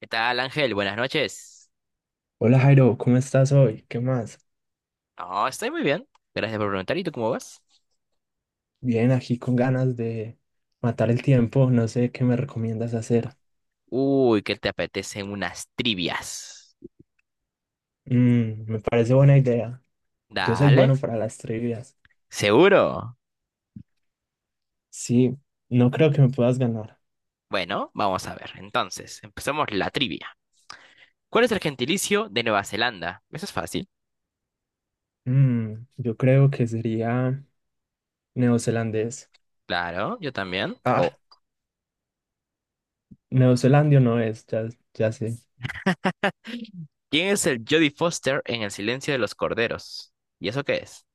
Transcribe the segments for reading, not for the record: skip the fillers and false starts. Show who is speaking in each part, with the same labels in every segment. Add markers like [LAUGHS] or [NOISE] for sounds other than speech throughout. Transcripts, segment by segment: Speaker 1: ¿Qué tal, Ángel? Buenas noches.
Speaker 2: Hola Jairo, ¿cómo estás hoy? ¿Qué más?
Speaker 1: No, estoy muy bien. Gracias por preguntar. ¿Y tú cómo vas?
Speaker 2: Bien, aquí con ganas de matar el tiempo, no sé qué me recomiendas hacer.
Speaker 1: Uy, ¿qué te apetecen unas trivias?
Speaker 2: Me parece buena idea. Yo soy
Speaker 1: Dale,
Speaker 2: bueno para las trivias.
Speaker 1: seguro.
Speaker 2: Sí, no creo que me puedas ganar.
Speaker 1: Bueno, vamos a ver. Entonces, empezamos la trivia. ¿Cuál es el gentilicio de Nueva Zelanda? Eso es fácil.
Speaker 2: Yo creo que sería neozelandés.
Speaker 1: Claro, yo también.
Speaker 2: Ah,
Speaker 1: Oh.
Speaker 2: neozelandio no es, ya, ya sé.
Speaker 1: ¿Quién es el Jodie Foster en El silencio de los corderos? ¿Y eso qué es?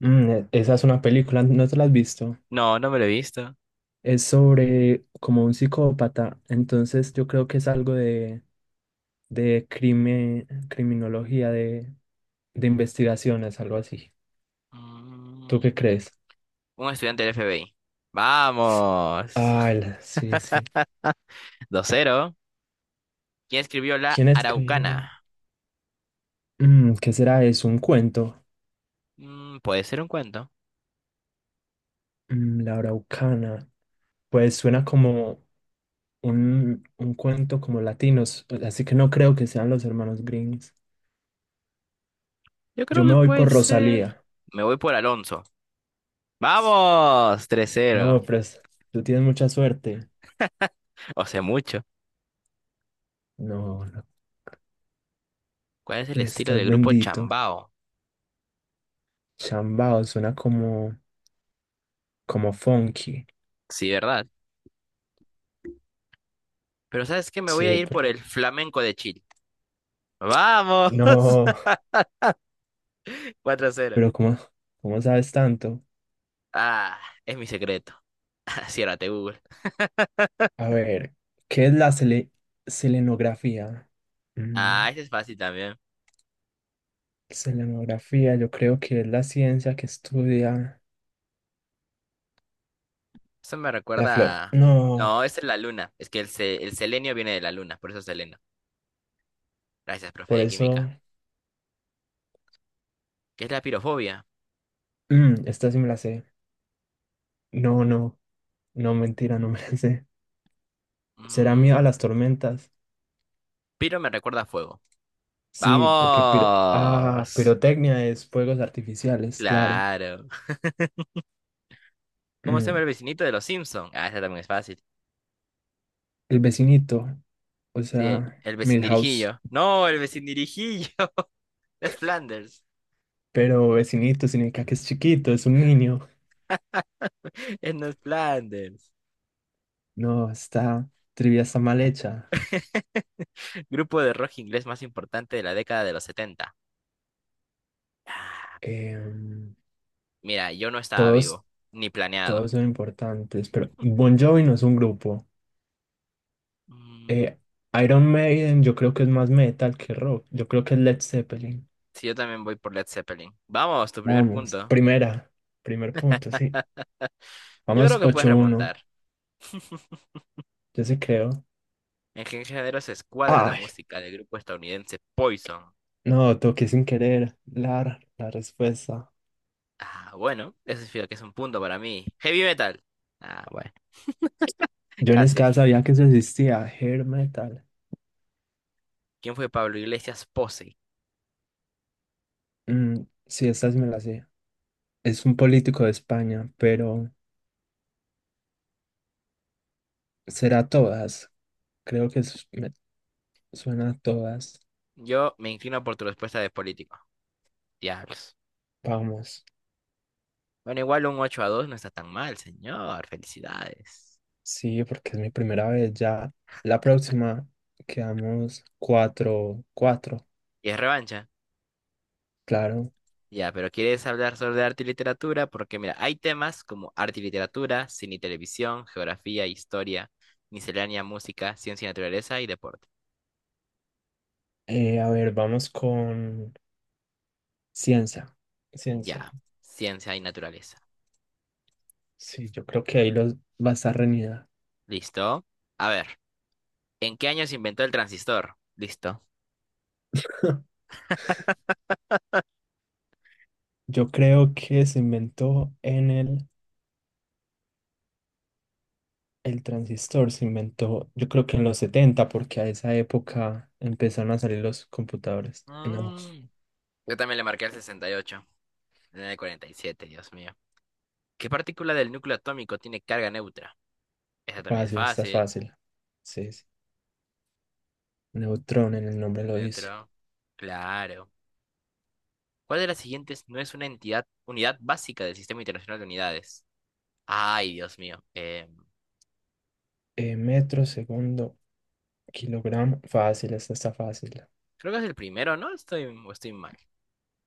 Speaker 2: Esa es una película, ¿no te la has visto?
Speaker 1: No, no me lo he visto.
Speaker 2: Es sobre como un psicópata, entonces yo creo que es algo de crime, criminología, de investigaciones, algo así. ¿Tú qué
Speaker 1: Mm,
Speaker 2: crees?
Speaker 1: un estudiante del FBI. Vamos.
Speaker 2: Ah, sí, sí.
Speaker 1: [LAUGHS] Dos cero. ¿Quién escribió La
Speaker 2: ¿Quién escribió?
Speaker 1: Araucana?
Speaker 2: ¿Qué será? Es, ¿un cuento?
Speaker 1: Mm, puede ser un cuento.
Speaker 2: La Araucana. Pues suena como un cuento como latinos, así que no creo que sean los hermanos Greens.
Speaker 1: Yo
Speaker 2: Yo
Speaker 1: creo
Speaker 2: me
Speaker 1: que
Speaker 2: voy
Speaker 1: puede
Speaker 2: por
Speaker 1: ser.
Speaker 2: Rosalía.
Speaker 1: Me voy por Alonso. ¡Vamos! 3-0.
Speaker 2: No, pues tú tienes mucha suerte.
Speaker 1: O sea, mucho.
Speaker 2: No, no,
Speaker 1: ¿Cuál es el
Speaker 2: te
Speaker 1: estilo
Speaker 2: estás
Speaker 1: del grupo
Speaker 2: bendito.
Speaker 1: Chambao?
Speaker 2: Chambao suena como funky.
Speaker 1: Sí, ¿verdad? Pero ¿sabes qué? Me voy a
Speaker 2: Sí,
Speaker 1: ir
Speaker 2: pero
Speaker 1: por el flamenco de Chile. Vamos.
Speaker 2: no,
Speaker 1: [LAUGHS] Cuatro cero.
Speaker 2: pero ¿cómo sabes tanto?
Speaker 1: Ah, es mi secreto. [LAUGHS] Ciérrate, Google.
Speaker 2: A ver, ¿qué es la selenografía? Mm,
Speaker 1: Ah, ese es fácil también.
Speaker 2: Selenografía, yo creo que es la ciencia que estudia
Speaker 1: Eso me
Speaker 2: la flor.
Speaker 1: recuerda a.
Speaker 2: No,
Speaker 1: No, esa es la luna. Es que el selenio viene de la luna, por eso es seleno. Gracias, profe
Speaker 2: por
Speaker 1: de
Speaker 2: eso,
Speaker 1: química. ¿Qué es la pirofobia?
Speaker 2: esta sí me la sé. No, no, no, mentira, no me la sé. ¿Será miedo a las
Speaker 1: Mm,
Speaker 2: tormentas?
Speaker 1: piro me recuerda a fuego.
Speaker 2: Sí, porque ah,
Speaker 1: ¡Vamos!
Speaker 2: pirotecnia es fuegos artificiales, claro.
Speaker 1: Claro. ¿Cómo se llama
Speaker 2: Mm,
Speaker 1: el vecinito de los Simpsons? Ah, ese también es fácil.
Speaker 2: el vecinito, o
Speaker 1: Sí,
Speaker 2: sea,
Speaker 1: el
Speaker 2: Milhouse.
Speaker 1: vecindirijillo. No, el vecindirijillo. [LAUGHS] Es Flanders.
Speaker 2: Pero vecinito significa que es chiquito, es un niño.
Speaker 1: Es no es Flanders.
Speaker 2: No, está. Trivia está mal hecha.
Speaker 1: Grupo de rock inglés más importante de la década de los 70. Ah,
Speaker 2: em,
Speaker 1: mira, yo no estaba
Speaker 2: todos,
Speaker 1: vivo, ni planeado.
Speaker 2: Todos son importantes, pero Bon Jovi
Speaker 1: [LAUGHS]
Speaker 2: no es un grupo.
Speaker 1: Mm,
Speaker 2: Eh, Iron Maiden yo creo que es más metal que rock. Yo creo que es Led Zeppelin.
Speaker 1: sí, yo también voy por Led Zeppelin. Vamos, tu primer
Speaker 2: Vamos,
Speaker 1: punto.
Speaker 2: primer punto, sí.
Speaker 1: Yo creo
Speaker 2: Vamos,
Speaker 1: que puedes
Speaker 2: 8-1,
Speaker 1: remontar.
Speaker 2: yo sí creo.
Speaker 1: ¿En qué género se escuadra la
Speaker 2: Ay,
Speaker 1: música del grupo estadounidense Poison?
Speaker 2: no, toqué sin querer la respuesta.
Speaker 1: Ah, bueno, eso significa que es un punto para mí. Heavy metal. Ah, bueno, [LAUGHS]
Speaker 2: Yo ni
Speaker 1: casi.
Speaker 2: siquiera sabía que eso existía, hair metal.
Speaker 1: ¿Quién fue Pablo Iglesias Posey?
Speaker 2: Mm, sí, estas me las sé. Es un político de España, pero será todas. Creo que me suena a todas.
Speaker 1: Yo me inclino por tu respuesta de político. Diablos.
Speaker 2: Vamos.
Speaker 1: Bueno, igual un 8 a 2 no está tan mal, señor. Felicidades.
Speaker 2: Sí, porque es mi primera vez ya. La próxima quedamos 4-4,
Speaker 1: ¿Y es revancha?
Speaker 2: claro.
Speaker 1: Ya, pero ¿quieres hablar sobre arte y literatura? Porque mira, hay temas como arte y literatura, cine y televisión, geografía, historia, miscelánea, música, ciencia y naturaleza y deporte.
Speaker 2: A ver, vamos con ciencia. Ciencia.
Speaker 1: Ya, ciencia y naturaleza.
Speaker 2: Sí, yo creo que ahí los va a estar reñida.
Speaker 1: ¿Listo? A ver. ¿En qué año se inventó el transistor? Listo.
Speaker 2: [LAUGHS] Yo creo que se inventó en el transistor, se inventó, yo creo que en los 70 porque a esa época empezaron a salir los computadores. No,
Speaker 1: Mm, yo también le marqué el 68. En el 47, Dios mío. ¿Qué partícula del núcleo atómico tiene carga neutra? Esa también es
Speaker 2: fácil, está
Speaker 1: fácil.
Speaker 2: fácil. Sí, sí. Neutrón en el nombre
Speaker 1: El
Speaker 2: lo dice.
Speaker 1: neutro. Claro. ¿Cuál de las siguientes no es una entidad, unidad básica del Sistema Internacional de Unidades? Ay, Dios mío.
Speaker 2: Metro segundo kilogramo. Fácil, esta está fácil.
Speaker 1: Creo que es el primero, ¿no? O estoy mal.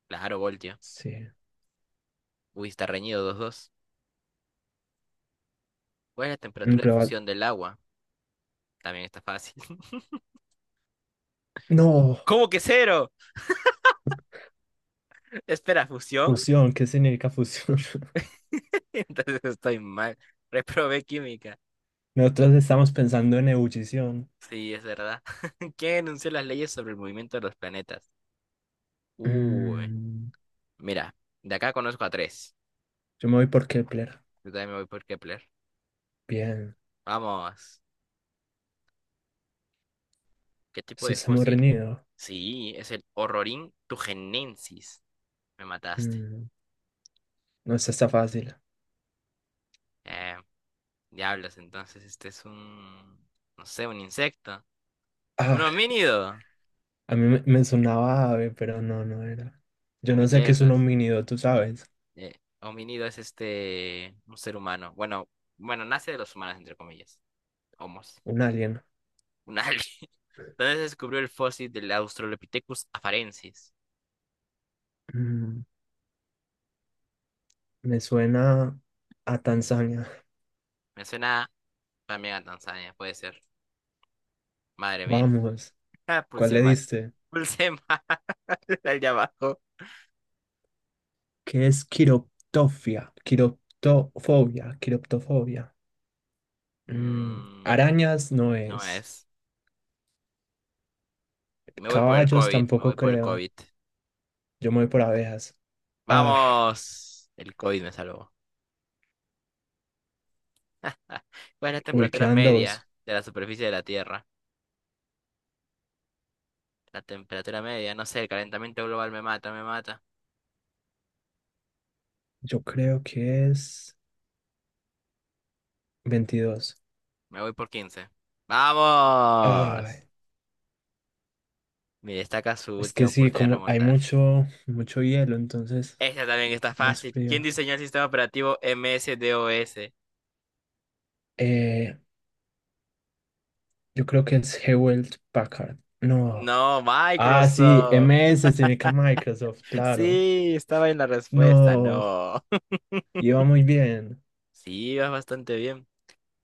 Speaker 1: Claro, voltio.
Speaker 2: Sí.
Speaker 1: Uy, está reñido 2-2. ¿Cuál es la
Speaker 2: Mm,
Speaker 1: temperatura de
Speaker 2: proba
Speaker 1: fusión del agua? También está fácil. [LAUGHS]
Speaker 2: No,
Speaker 1: ¿Cómo que cero? Espera, ¿fusión?
Speaker 2: fusión. ¿Qué significa fusión? [LAUGHS]
Speaker 1: [LAUGHS] Entonces estoy mal. Reprobé química.
Speaker 2: Nosotros estamos pensando en ebullición.
Speaker 1: Sí, es verdad. [LAUGHS] ¿Quién enunció las leyes sobre el movimiento de los planetas? Uy,
Speaker 2: Mm,
Speaker 1: mira, de acá conozco a tres.
Speaker 2: yo me voy por Kepler.
Speaker 1: Yo también me voy por Kepler.
Speaker 2: Bien.
Speaker 1: Vamos. ¿Qué tipo
Speaker 2: Eso
Speaker 1: de
Speaker 2: está muy
Speaker 1: fósil?
Speaker 2: reñido.
Speaker 1: Sí, es el Horrorin tugenensis. Me mataste.
Speaker 2: Mm, no, esta está fácil.
Speaker 1: Eh, Diablos, entonces no sé, un insecto. Un
Speaker 2: Ah,
Speaker 1: homínido.
Speaker 2: a mí me sonaba ave, pero no, no era. Yo
Speaker 1: Muy
Speaker 2: no sé qué es un
Speaker 1: lejos.
Speaker 2: homínido, tú sabes.
Speaker 1: Eh, Homínido es este, un ser humano. Bueno, bueno, nace de los humanos, entre comillas. Homos.
Speaker 2: Un alien.
Speaker 1: Un alien. [LAUGHS] Donde se descubrió el fósil del Australopithecus afarensis?
Speaker 2: Mm, Me suena a Tanzania.
Speaker 1: Me suena también a Tanzania, puede ser. Madre mía. [LAUGHS]
Speaker 2: Vamos.
Speaker 1: Ah,
Speaker 2: ¿Cuál
Speaker 1: pulse
Speaker 2: le
Speaker 1: mal.
Speaker 2: diste?
Speaker 1: Pulse mal [LAUGHS] allá abajo.
Speaker 2: Que es quiroptofobia, quiroptofobia.
Speaker 1: Mm,
Speaker 2: Arañas no
Speaker 1: no
Speaker 2: es.
Speaker 1: es. Me voy por el
Speaker 2: Caballos
Speaker 1: COVID, me voy
Speaker 2: tampoco
Speaker 1: por el
Speaker 2: creo.
Speaker 1: COVID.
Speaker 2: Yo me voy por abejas. Ah,
Speaker 1: ¡Vamos! El COVID me salvó. Ah, ¿cuál es la
Speaker 2: uy,
Speaker 1: temperatura
Speaker 2: quedan dos.
Speaker 1: media de la superficie de la Tierra? La temperatura media, no sé, el calentamiento global me mata, me mata.
Speaker 2: Yo creo que es 22.
Speaker 1: Me voy por quince. ¡Vamos!
Speaker 2: Ay,
Speaker 1: Me destaca su
Speaker 2: es
Speaker 1: última
Speaker 2: que sí,
Speaker 1: oportunidad de
Speaker 2: como hay
Speaker 1: remontar.
Speaker 2: mucho, mucho hielo, entonces
Speaker 1: Esta también está
Speaker 2: es más
Speaker 1: fácil. ¿Quién
Speaker 2: frío.
Speaker 1: diseñó el sistema operativo MS-DOS?
Speaker 2: Eh, yo creo que es Hewlett Packard. No.
Speaker 1: No,
Speaker 2: Ah, sí,
Speaker 1: Microsoft.
Speaker 2: MS significa Microsoft, claro.
Speaker 1: Sí, estaba en la respuesta.
Speaker 2: No,
Speaker 1: No. [LAUGHS]
Speaker 2: iba muy bien.
Speaker 1: Sí, vas bastante bien.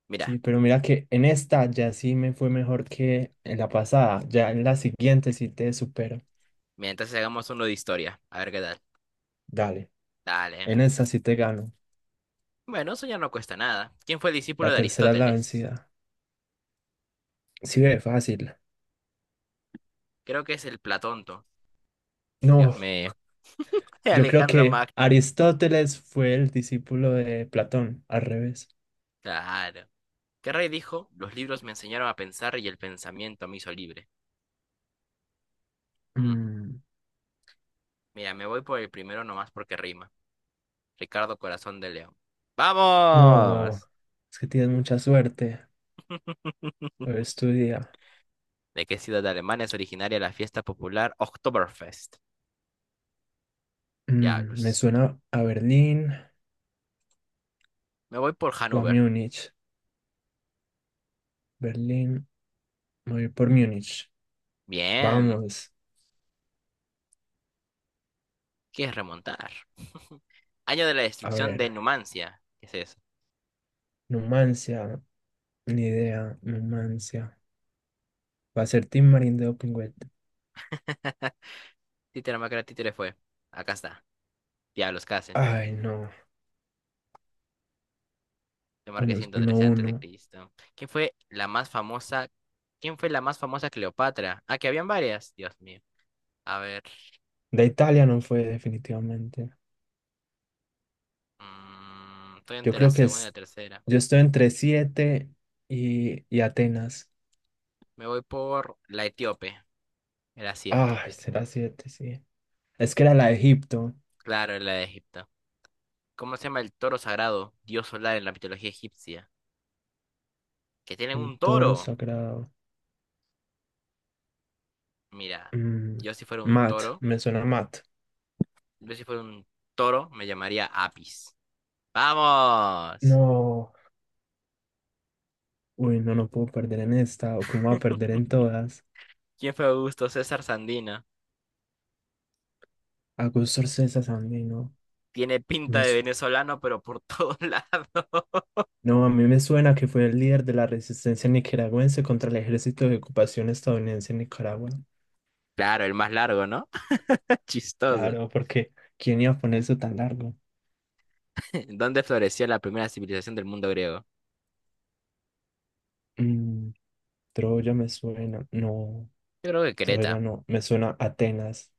Speaker 1: Mira,
Speaker 2: Sí, pero mira que en esta ya sí me fue mejor que en la pasada. Ya en la siguiente sí te supero.
Speaker 1: mira, entonces hagamos uno de historia. A ver qué tal.
Speaker 2: Dale,
Speaker 1: Dale.
Speaker 2: en esta sí te gano.
Speaker 1: Bueno, eso ya no cuesta nada. ¿Quién fue el discípulo
Speaker 2: La
Speaker 1: de
Speaker 2: tercera es la
Speaker 1: Aristóteles?
Speaker 2: vencida. Sí, ve, fácil.
Speaker 1: Creo que es el Platonto. Dios
Speaker 2: No,
Speaker 1: mío. [LAUGHS]
Speaker 2: yo creo
Speaker 1: Alejandro
Speaker 2: que
Speaker 1: Magno.
Speaker 2: Aristóteles fue el discípulo de Platón, al revés.
Speaker 1: Claro. ¿Qué rey dijo? Los libros me enseñaron a pensar y el pensamiento me hizo libre. Mm.
Speaker 2: Mm,
Speaker 1: Mira, me voy por el primero nomás porque rima. Ricardo Corazón de León.
Speaker 2: no,
Speaker 1: ¡Vamos!
Speaker 2: es que tienes mucha suerte.
Speaker 1: [LAUGHS]
Speaker 2: Hoy es tu día.
Speaker 1: ¿De qué ciudad de Alemania es originaria la fiesta popular Oktoberfest?
Speaker 2: Me
Speaker 1: Diablos.
Speaker 2: suena a Berlín
Speaker 1: Me voy por
Speaker 2: o a
Speaker 1: Hannover.
Speaker 2: Múnich. Berlín, me voy por Múnich.
Speaker 1: Bien.
Speaker 2: Vamos,
Speaker 1: ¿Quieres remontar? [LAUGHS] Año de la
Speaker 2: a
Speaker 1: destrucción de
Speaker 2: ver.
Speaker 1: Numancia. ¿Qué es eso?
Speaker 2: Numancia. Ni idea, Numancia. Va a ser Team Marín de Open Wet.
Speaker 1: [LAUGHS] Títere Macra, títere fue. Acá está. Diablos, casi.
Speaker 2: Ay, no.
Speaker 1: Yo marqué
Speaker 2: Vamos, uno
Speaker 1: 113 antes de
Speaker 2: uno
Speaker 1: Cristo. ¿Quién fue la más famosa? ¿Quién fue la más famosa Cleopatra? Ah, que habían varias. Dios mío. A ver.
Speaker 2: De Italia no fue definitivamente.
Speaker 1: Mm, estoy
Speaker 2: Yo
Speaker 1: entre la
Speaker 2: creo que
Speaker 1: segunda y la
Speaker 2: es.
Speaker 1: tercera.
Speaker 2: Yo estoy entre 7 y Atenas.
Speaker 1: Me voy por la etíope, era siete.
Speaker 2: Ay, será 7 sí. Es que era la de Egipto.
Speaker 1: Claro, era la de Egipto. ¿Cómo se llama el toro sagrado, dios solar en la mitología egipcia? Que tienen
Speaker 2: El
Speaker 1: un
Speaker 2: toro
Speaker 1: toro.
Speaker 2: sagrado.
Speaker 1: Mira,
Speaker 2: Mm,
Speaker 1: yo si fuera un
Speaker 2: Mat,
Speaker 1: toro,
Speaker 2: me suena Mat.
Speaker 1: yo si fuera un toro me llamaría Apis. ¡Vamos!
Speaker 2: No. Uy, no, no puedo perder en esta. ¿O cómo va a perder en todas?
Speaker 1: ¿Quién fue Augusto César Sandino?
Speaker 2: Augusto César Sandino.
Speaker 1: Tiene pinta
Speaker 2: Me,
Speaker 1: de
Speaker 2: su-
Speaker 1: venezolano, pero por [LAUGHS] todos lados.
Speaker 2: No, a mí me suena que fue el líder de la resistencia nicaragüense contra el ejército de ocupación estadounidense en Nicaragua.
Speaker 1: Claro, el más largo, ¿no? [LAUGHS] Chistoso.
Speaker 2: Claro, porque ¿quién iba a poner eso tan largo?
Speaker 1: [LAUGHS] ¿Dónde floreció la primera civilización del mundo griego?
Speaker 2: Mm, Troya me suena. No,
Speaker 1: Yo creo que
Speaker 2: Troya
Speaker 1: Creta.
Speaker 2: no. Me suena Atenas,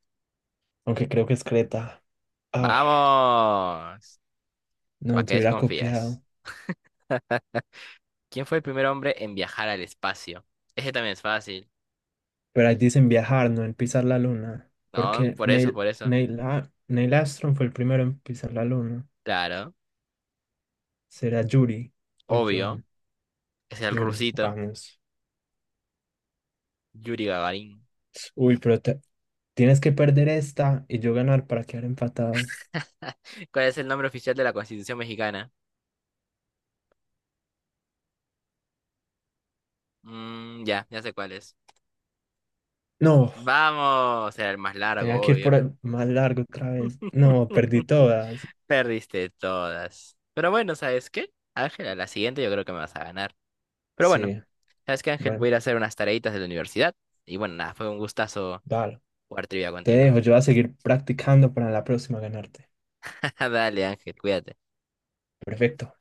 Speaker 2: aunque creo que es Creta. Ah,
Speaker 1: ¡Vamos! ¿Para
Speaker 2: no,
Speaker 1: qué
Speaker 2: te hubiera
Speaker 1: desconfías?
Speaker 2: copiado.
Speaker 1: [LAUGHS] ¿Quién fue el primer hombre en viajar al espacio? Ese también es fácil,
Speaker 2: Pero ahí dicen viajar, no en pisar la luna.
Speaker 1: ¿no?
Speaker 2: Porque
Speaker 1: Por eso, por eso.
Speaker 2: Neil Armstrong fue el primero en pisar la luna.
Speaker 1: Claro,
Speaker 2: ¿Será Yuri o
Speaker 1: obvio.
Speaker 2: John?
Speaker 1: Es el
Speaker 2: Yuri,
Speaker 1: rusito,
Speaker 2: vamos.
Speaker 1: Yuri Gagarin.
Speaker 2: Uy, pero tienes que perder esta y yo ganar para quedar empatados.
Speaker 1: [LAUGHS] ¿Cuál es el nombre oficial de la Constitución mexicana? Mm, ya sé cuál es.
Speaker 2: No,
Speaker 1: Vamos, era el más
Speaker 2: tenía
Speaker 1: largo,
Speaker 2: que ir por
Speaker 1: obvio.
Speaker 2: el más largo otra vez. No, perdí
Speaker 1: [LAUGHS]
Speaker 2: todas.
Speaker 1: Perdiste todas. Pero bueno, ¿sabes qué? Ángela, la siguiente yo creo que me vas a ganar. Pero bueno,
Speaker 2: Sí,
Speaker 1: ¿sabes qué, Ángel? Voy
Speaker 2: bueno,
Speaker 1: a ir a hacer unas tareitas de la universidad. Y bueno, nada, fue un gustazo
Speaker 2: vale.
Speaker 1: jugar trivia
Speaker 2: Te
Speaker 1: contigo.
Speaker 2: dejo, yo voy a seguir practicando para la próxima ganarte.
Speaker 1: [LAUGHS] Dale, Ángel, cuídate.
Speaker 2: Perfecto.